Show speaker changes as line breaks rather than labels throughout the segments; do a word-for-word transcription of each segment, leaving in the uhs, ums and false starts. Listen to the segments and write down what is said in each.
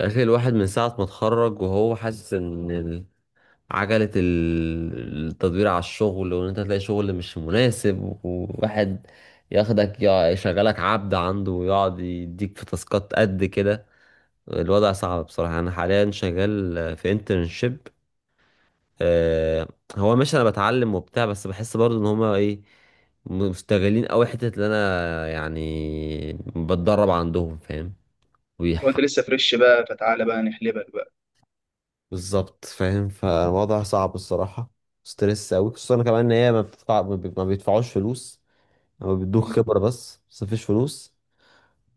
الاخير الواحد من ساعة ما اتخرج وهو حاسس ان ال- عجلة ال- التدوير على الشغل وان انت تلاقي شغل مش مناسب، وواحد ياخدك يع- يشغلك عبد عنده ويقعد يديك في تاسكات قد كده. الوضع صعب بصراحة، انا حاليا شغال في انترنشيب. هو ماشي، انا بتعلم وبتاع، بس بحس برضو ان هما ايه، مستغلين قوي حتة اللي انا يعني بتدرب عندهم، فاهم؟
وانت لسه فريش بقى فتعالى بقى نحلبك بقى.
بالظبط، فاهم، فالوضع صعب الصراحة. ستريس أوي، خصوصا كمان إن هي ما بتدفع، ما بي- ما بيدفعوش فلوس. هما بيدوك خبرة، بس بس مفيش فلوس.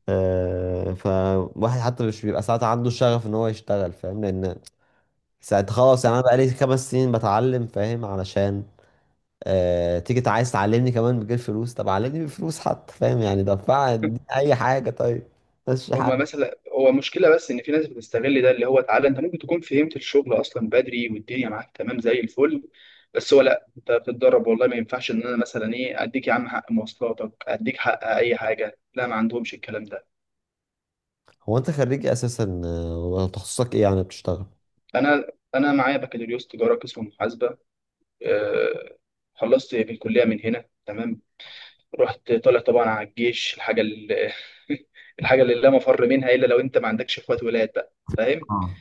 آه، فواحد حتى مش بيبقى ساعات عنده شغف إن هو يشتغل، فاهم؟ لأن ساعات خلاص، يعني أنا بقالي خمس سنين بتعلم، فاهم؟ علشان آه، تيجي تع- عايز تعلمني كمان بغير فلوس؟ طب علمني بفلوس حتى، فاهم يعني؟ دفع اديني أي حاجة، طيب، بس حاجة.
هما مثلا هو مشكلة بس إن في ناس بتستغل ده اللي هو تعالى، أنت ممكن تكون فهمت الشغل أصلا بدري والدنيا معاك تمام زي الفل. بس هو لأ، أنت بتتدرب والله ما ينفعش إن أنا مثلا إيه أديك يا عم حق مواصلاتك، أديك حق أي حاجة. لا ما عندهمش الكلام ده.
هو أنت خريج إيه أساسا، آه، وتخصصك إيه يعني بتشتغل؟
أنا أنا معايا بكالوريوس تجارة قسم محاسبة. آه، خلصت بالكلية من هنا تمام. رحت طالع طبعا على الجيش، الحاجه اللي الحاجه اللي لا مفر منها الا لو انت ما عندكش اخوات ولاد بقى، فاهم؟
اه،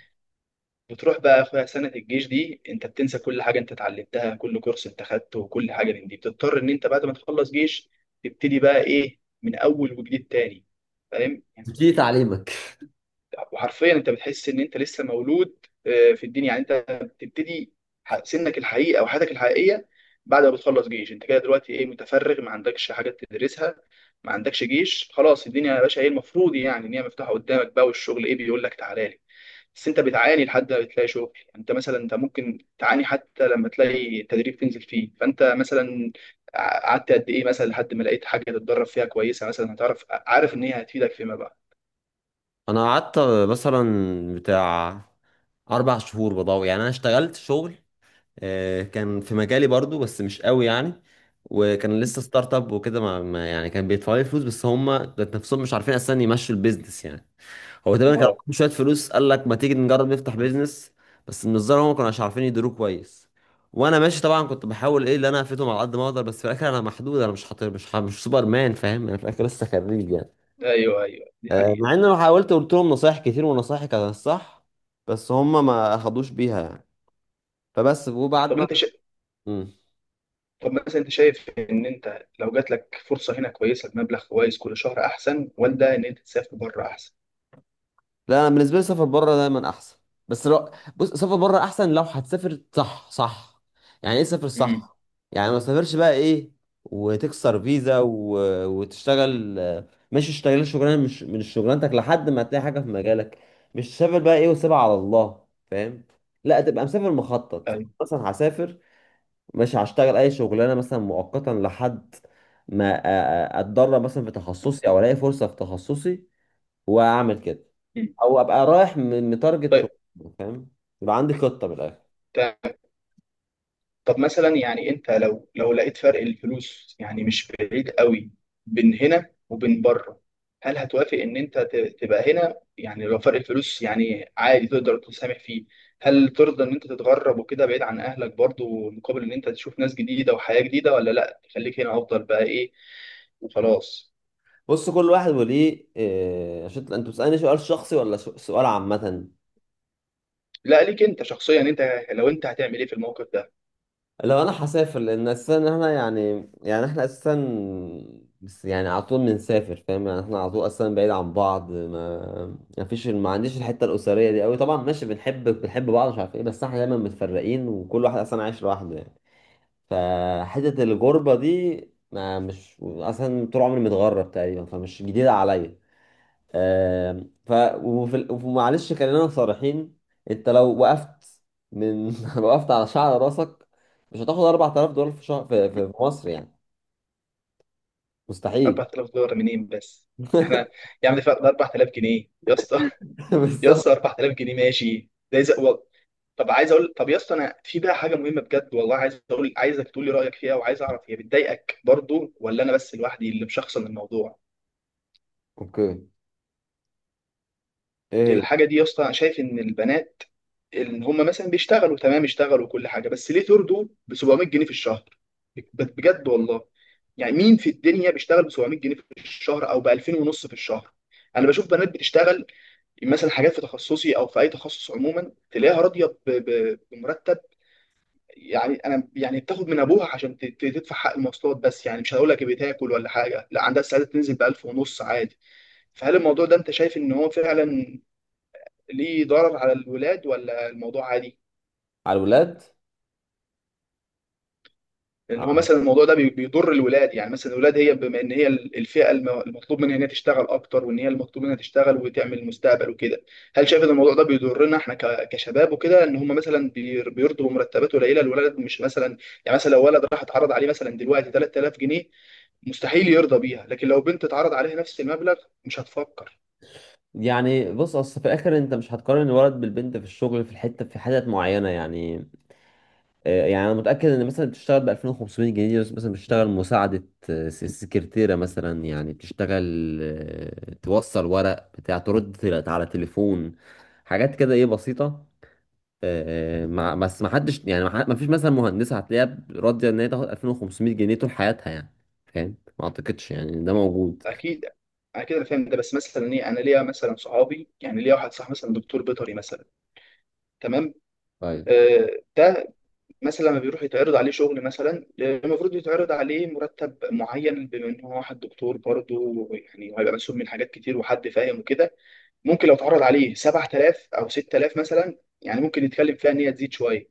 بتروح بقى يا اخويا سنه الجيش دي انت بتنسى كل حاجه انت اتعلمتها، كل كورس انت خدته وكل حاجه من دي بتضطر ان انت بعد ما تخلص جيش تبتدي بقى ايه من اول وجديد تاني، فاهم
دي
يعني؟
تعليمك.
وحرفيا انت بتحس ان انت لسه مولود آه، في الدنيا، يعني انت بتبتدي ح- سنك الحقيقي او حياتك الحقيقيه بعد ما بتخلص جيش. انت كده دلوقتي ايه، متفرغ، ما عندكش حاجات تدرسها، ما عندكش جيش، خلاص الدنيا يا باشا ايه المفروض يعني ان هي مفتوحه قدامك بقى، والشغل ايه بيقول لك تعالى لي. بس انت بتعاني لحد ما بتلاقي شغل. يعني انت مثلا انت ممكن تعاني حتى لما تلاقي تدريب تنزل فيه. فانت مثلا ع- قعدت قد ايه مثلا لحد ما لقيت حاجه تتدرب فيها كويسه، مثلا هتعرف عارف ان هي هتفيدك فيما بعد.
انا قعدت مثلا بتاع اربع شهور بضوء. يعني انا اشتغلت شغل، آه، كان في مجالي برضو بس مش قوي يعني. وكان لسه ستارت اب وكده، ما ما- يعني كان بيدفعوا لي فلوس، بس هم ذات نفسهم مش عارفين اصلا يمشوا البيزنس يعني. هو تقريبا كان
اه،
معاهم شويه فلوس، قال لك ما تيجي نجرب نفتح بيزنس. بس من الظاهر هم ما كانوش عارفين يديروه كويس. وانا ماشي طبعا، كنت بحاول ايه اللي انا افيدهم على قد ما اقدر، بس في الاخر انا محدود، انا مش حاطط، مش ح- مش سوبر مان، فاهم؟ انا في الاخر لسه خريج يعني.
ايوه ايوه دي
آه،
حقيقة.
مع ان انا حاولت قلت لهم نصايح كتير، ونصايحي كانت الصح، بس هم ما اخدوش بيها يعني. فبس، وبعد
طب
ما
انت شا...
مم.
طب مثلا انت شايف ان انت لو جات لك فرصة هنا كويسة بمبلغ كويس كل شهر احسن ولا ان انت تسافر بره احسن؟
لا، انا بالنسبه لي سفر بره دايما احسن. بس لو، بص، سفر بره احسن لو هتسافر صح صح. يعني ايه سافر
امم
صح؟ يعني ما تسافرش بقى ايه وتكسر فيزا و... وتشتغل، آه، مش تشتغل شغلانه مش من شغلانتك لحد ما تلاقي حاجه في مجالك. مش تسافر بقى ايه وسيبها على الله، فاهم؟ لا، تبقى مسافر مخطط.
طيب،
مثلا هسافر، مش هشتغل اي شغلانه مثلا، مؤقتا، لحد ما أ- أ- اتدرب مثلا في تخصصي، او الاقي فرصه في تخصصي واعمل كده، او ابقى رايح م- متارجت شغل، فاهم؟ يبقى عندي خطه من الاخر.
طيب. طب مثلا يعني انت لو لو لقيت فرق الفلوس يعني مش بعيد قوي بين هنا وبين بره، هل هتوافق ان انت ت- تبقى هنا يعني لو فرق الفلوس يعني عادي تقدر تسامح فيه؟ هل ترضى ان انت تتغرب وكده بعيد عن اهلك برضو مقابل ان انت تشوف ناس جديدة وحياة جديدة، ولا لا تخليك هنا افضل بقى ايه وخلاص؟
بص، كل واحد وليه إيه، عشان انت بتسالني سؤال شخصي ولا س- سؤال عامه؟
لا، ليك انت شخصيا انت لو انت هتعمل ايه في الموقف ده؟
لو انا هسافر، لان اساسا احنا يعني، يعني احنا اساسا بس يعني على طول بنسافر، فاهم يعني؟ احنا على طول اصلا بعيد عن بعض، ما ما فيش، ما عنديش الحته الاسريه دي قوي. طبعا ماشي، بنحب بنحب بعض، مش عارف ايه، بس احنا دايما متفرقين، وكل واحد اصلا عايش لوحده يعني. فحته الغربه دي، ما مش اصلا، طول عمري متغرب تقريبا، فمش جديده عليا. آم، ف وفي ال- ومعلش خلينا صريحين. انت لو وقفت من لو وقفت على شعر راسك مش هتاخد أربعة آلاف دولار في شهر في, في في مصر يعني. مستحيل.
أربعة آلاف دولار منين بس؟ احنا يعني ده أربعة آلاف جنيه يا اسطى، يا
بالظبط.
اسطى أربعة آلاف جنيه ماشي ده إذا- و- طب عايز اقول، طب يا اسطى انا في بقى حاجه مهمه بجد والله عايز اقول، عايزك تقول لي رايك فيها، وعايز اعرف هي بتضايقك برضو ولا انا بس لوحدي اللي مشخصن الموضوع.
اوكي، ايه هي؟
الحاجه دي يا اسطى، أنا شايف ان البنات، ان هم مثلا بيشتغلوا تمام، اشتغلوا وكل حاجه، بس ليه ترضوا ب سبعمئة جنيه في الشهر؟ ب- بجد والله، يعني مين في الدنيا بيشتغل ب سبعمية جنيه في الشهر او ب ألفين ونص في الشهر؟ انا بشوف بنات بتشتغل مثلا حاجات في تخصصي او في اي تخصص عموما، تلاقيها راضيه ب- ب- بمرتب، يعني انا يعني بتاخد من ابوها عشان ت- ت- تدفع حق المواصلات بس، يعني مش هقول لك بتاكل ولا حاجه، لا عندها استعداد تنزل ب ألف ونص عادي. فهل الموضوع ده انت شايف ان هو فعلا ليه ضرر على الولاد ولا الموضوع عادي؟
على الولاد.
لان هو مثلا الموضوع ده بي- بيضر الولاد، يعني مثلا الولاد، هي بما ان هي الفئه الم- المطلوب منها ان هي تشتغل اكتر، وان هي المطلوب منها تشتغل وتعمل مستقبل وكده، هل شايف ان الموضوع ده بيضرنا احنا ك- كشباب وكده، ان هم مثلا بير- بيرضوا بمرتبات قليله؟ الولد مش مثلا، يعني مثلا لو ولد راح اتعرض عليه مثلا دلوقتي تلات آلاف جنيه مستحيل يرضى بيها، لكن لو بنت اتعرض عليها نفس المبلغ مش هتفكر.
يعني بص، اصل في الاخر انت مش هتقارن الولد بالبنت في الشغل، في الحته في حتت معينه يعني. آه، يعني انا متاكد ان مثلا بتشتغل ب ألفين وخمسمية جنيه، بس مثلا بتشتغل مساعده، آه، س- سكرتيره مثلا، يعني بتشتغل، آه، توصل ورق بتاع، ترد تل- على تليفون، حاجات كده ايه بسيطه. آه، آه، مع بس ما حدش يعني، ما فيش مثلا مهندسه هتلاقيها ب- راضيه ان هي تاخد ألفين وخمسمائة جنيه طول حياتها يعني، فاهم؟ ما اعتقدش يعني إن ده موجود.
اكيد اكيد انا فاهم ده، بس مثلا ايه، انا ليا مثلا صحابي، يعني ليا واحد صاحبي مثلا دكتور بيطري مثلا، تمام؟
طيب،
آه، ده مثلا لما بيروح يتعرض عليه شغل مثلا، آه، المفروض يتعرض عليه مرتب معين بما ان هو واحد دكتور برضه، يعني هيبقى مسؤول من حاجات كتير وحد فاهم وكده، ممكن لو اتعرض عليه سبعة آلاف او ست آلاف مثلا يعني ممكن يتكلم فيها ان هي تزيد شويه.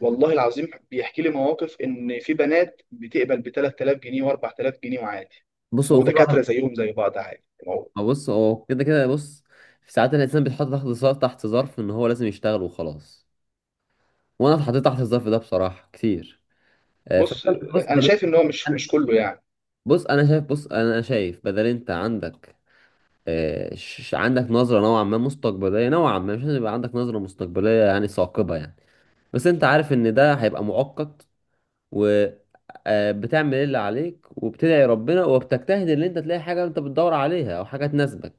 والله العظيم بيحكي لي مواقف ان في بنات بتقبل ب تلات آلاف جنيه و4000 جنيه وعادي،
بص، هو كل واحد،
ودكاتره زيهم زي بعض عادي. ما هو-
بص هو كده كده بص، في ساعات الانسان بيتحط تحت ظرف، تحت ظرف ان هو لازم يشتغل وخلاص. وانا اتحطيت تحت الظرف ده بصراحه كتير. آه،
بص
فكان- بص
انا
بدل-
شايف ان هو مش
أنا-
مش كله يعني.
بص انا شايف بص انا شايف، بدل انت عندك، آه، ش- عندك نظره نوعا ما مستقبليه، نوعا ما مش لازم يبقى عندك نظره مستقبليه يعني ثاقبه يعني. بس انت عارف ان ده هيبقى مؤقت، وبتعمل اللي عليك، وبتدعي ربنا، وبتجتهد ان انت تلاقي حاجه انت بتدور عليها او حاجه تناسبك.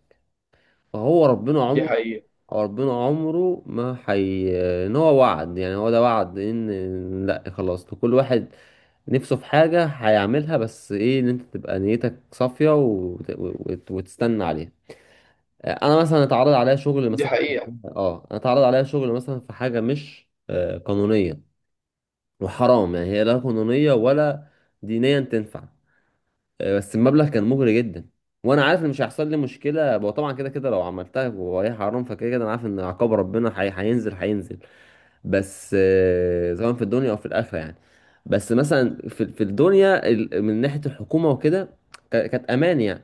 فهو ربنا
دي
عمره
حقيقه،
هو ربنا عمره ما حي، ان هو وعد. يعني هو ده وعد، ان لا، خلاص، لكل واحد نفسه في حاجة هيعملها، بس ايه، ان انت تبقى نيتك صافية، وت... وت... وتستنى عليها. آه، انا مثلا اتعرض عليا شغل
دي
مثلا
حقيقه.
اه انا اتعرض عليا شغل مثلا في حاجة مش آه، قانونية، وحرام، يعني هي لا قانونية ولا دينيا تنفع. آه، بس المبلغ كان مغري جدا. وانا عارف ان مش هيحصل لي مشكلة، وطبعا كده كده لو عملتها وهي حرام، فكده كده انا عارف ان عقاب ربنا حي... هينزل هينزل، بس آه، سواء في الدنيا او في الاخره يعني. بس مثلا في في الدنيا، ال- من ناحيه الحكومه وكده، ك- كانت امان يعني.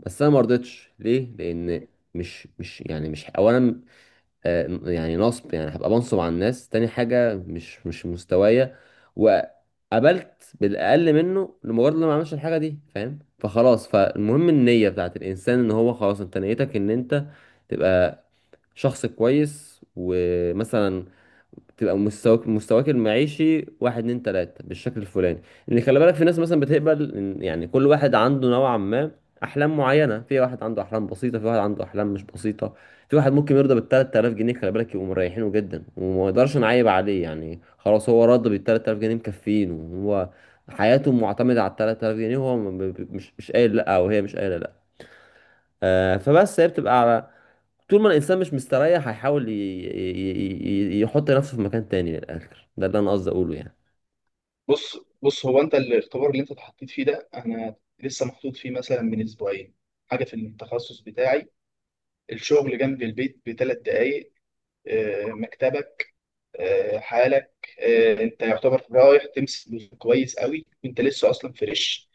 بس انا ما رضيتش، ليه؟ لان، مش مش يعني مش اولا آه، يعني نصب، يعني هبقى بنصب على الناس. تاني حاجه، مش مش مستوايا. وقبلت بالاقل منه، لمجرد إن أنا ما عملش الحاجه دي، فاهم؟ فخلاص، فالمهم النيه بتاعت الانسان، ان هو خلاص، انت نيتك ان انت تبقى شخص كويس. ومثلا تبقى مستواك، مستواك المعيشي، واحد اتنين تلاتة، بالشكل الفلاني، اللي خلي بالك، في ناس مثلا بتقبل إن- يعني. كل واحد عنده نوعا ما أحلام معينة، في واحد عنده أحلام بسيطة، في واحد عنده أحلام مش بسيطة، في واحد ممكن يرضى بالتلات آلاف جنيه. خلي بالك، يبقوا مريحينه جدا، وما يقدرش نعيب عليه يعني، خلاص هو راضي بالتلات آلاف جنيه، مكفيين، وهو حياته معتمدة على التلات آلاف جنيه، وهو م- ب- ب- مش مش قايل لأ، أو هي مش قايلة لأ. آه، فبس، هي بتبقى على طول ما الانسان مش مستريح، هيحاول ي- ي- ي- يحط نفسه في مكان تاني. من الاخر، ده اللي انا قصدي اقوله يعني.
بص بص، هو انت الاختبار اللي انت اتحطيت فيه ده، انا لسه محطوط فيه مثلا من اسبوعين. حاجه في التخصص بتاعي، الشغل جنب البيت بثلاث دقائق. آه، مكتبك، آه، حالك، آه، انت يعتبر رايح تمسك كويس قوي وانت لسه اصلا فريش،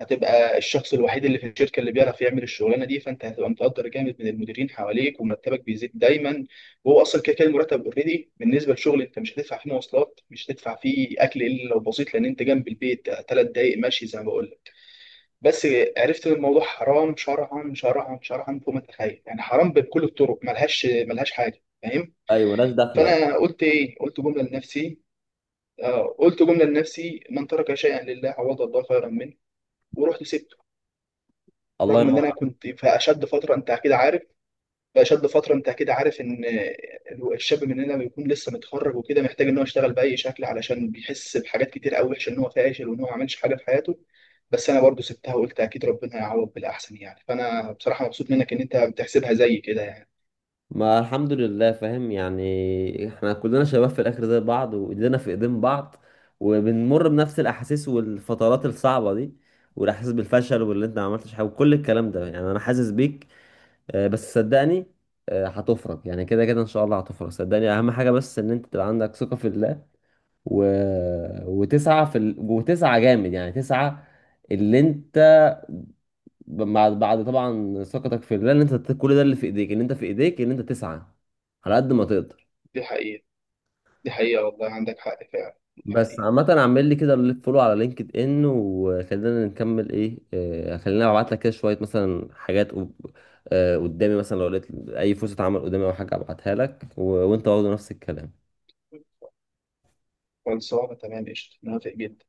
هتبقى الشخص الوحيد اللي في الشركه اللي بيعرف يعمل الشغلانه دي، فانت هتبقى متقدر جامد من المديرين حواليك ومرتبك بيزيد دايما، وهو اصلا كده كده المرتب اوريدي بالنسبه للشغل. انت مش هتدفع فيه مواصلات، مش هتدفع فيه اكل الا لو بسيط، لان انت جنب البيت ثلاث دقائق ماشي زي ما بقول لك. بس عرفت ان الموضوع حرام، شرعا شرعا شرعا فوق ما تتخيل، يعني حرام بكل الطرق ملهاش ملهاش حاجه، فاهم؟
ايوه، ناس داخله يعني.
فانا قلت ايه، قلت جمله لنفسي، آه، قلت جمله لنفسي: من ترك شيئا لله عوض الله خيرا منه. ورحت سبته.
الله
رغم ان
ينور
انا
عليك.
كنت في اشد فتره، انت اكيد عارف، في اشد فتره انت اكيد عارف ان الشاب مننا بيكون لسه متخرج وكده، محتاج ان هو يشتغل باي شكل، علشان بيحس بحاجات كتير قوي وحشه، ان هو فاشل وان هو ما عملش حاجه في حياته. بس انا برضو سبتها وقلت اكيد ربنا هيعوض بالاحسن يعني. فانا بصراحه مبسوط منك ان انت بتحسبها زي كده يعني.
ما الحمد لله، فاهم؟ يعني احنا كلنا شباب في الاخر زي بعض، وايدينا في ايدين بعض، وبنمر بنفس الاحاسيس والفترات الصعبه دي، والاحساس بالفشل واللي انت ما عملتش حاجه، وكل الكلام ده يعني، انا حاسس بيك. آه، بس صدقني، آه، هتفرج يعني، كده كده ان شاء الله هتفرج، صدقني. اهم حاجه بس ان انت تبقى عندك ثقه في الله، و... وتسعة في ال... وتسعة جامد، يعني تسعة اللي انت، بعد، بعد طبعا ثقتك في الله، ان انت كل ده اللي في ايديك، ان انت في ايديك ان انت تسعة على قد ما تقدر.
دي حقيقه، دي حقيقه، والله عندك حق فعلا، دي
بس
حقيقه.
عامة، اعمل لي كده، اللي فولو على لينكد ان، وخلينا نكمل ايه، آه، خلينا ابعت لك كده شوية مثلا حاجات قب- آه، قدامي. مثلا لو لقيت اي فرصة عمل قدامي، او حاجة ابعتها لك، و... وانت برضه نفس الكلام.
خلصانه تمام، قشطه، موافق جدا.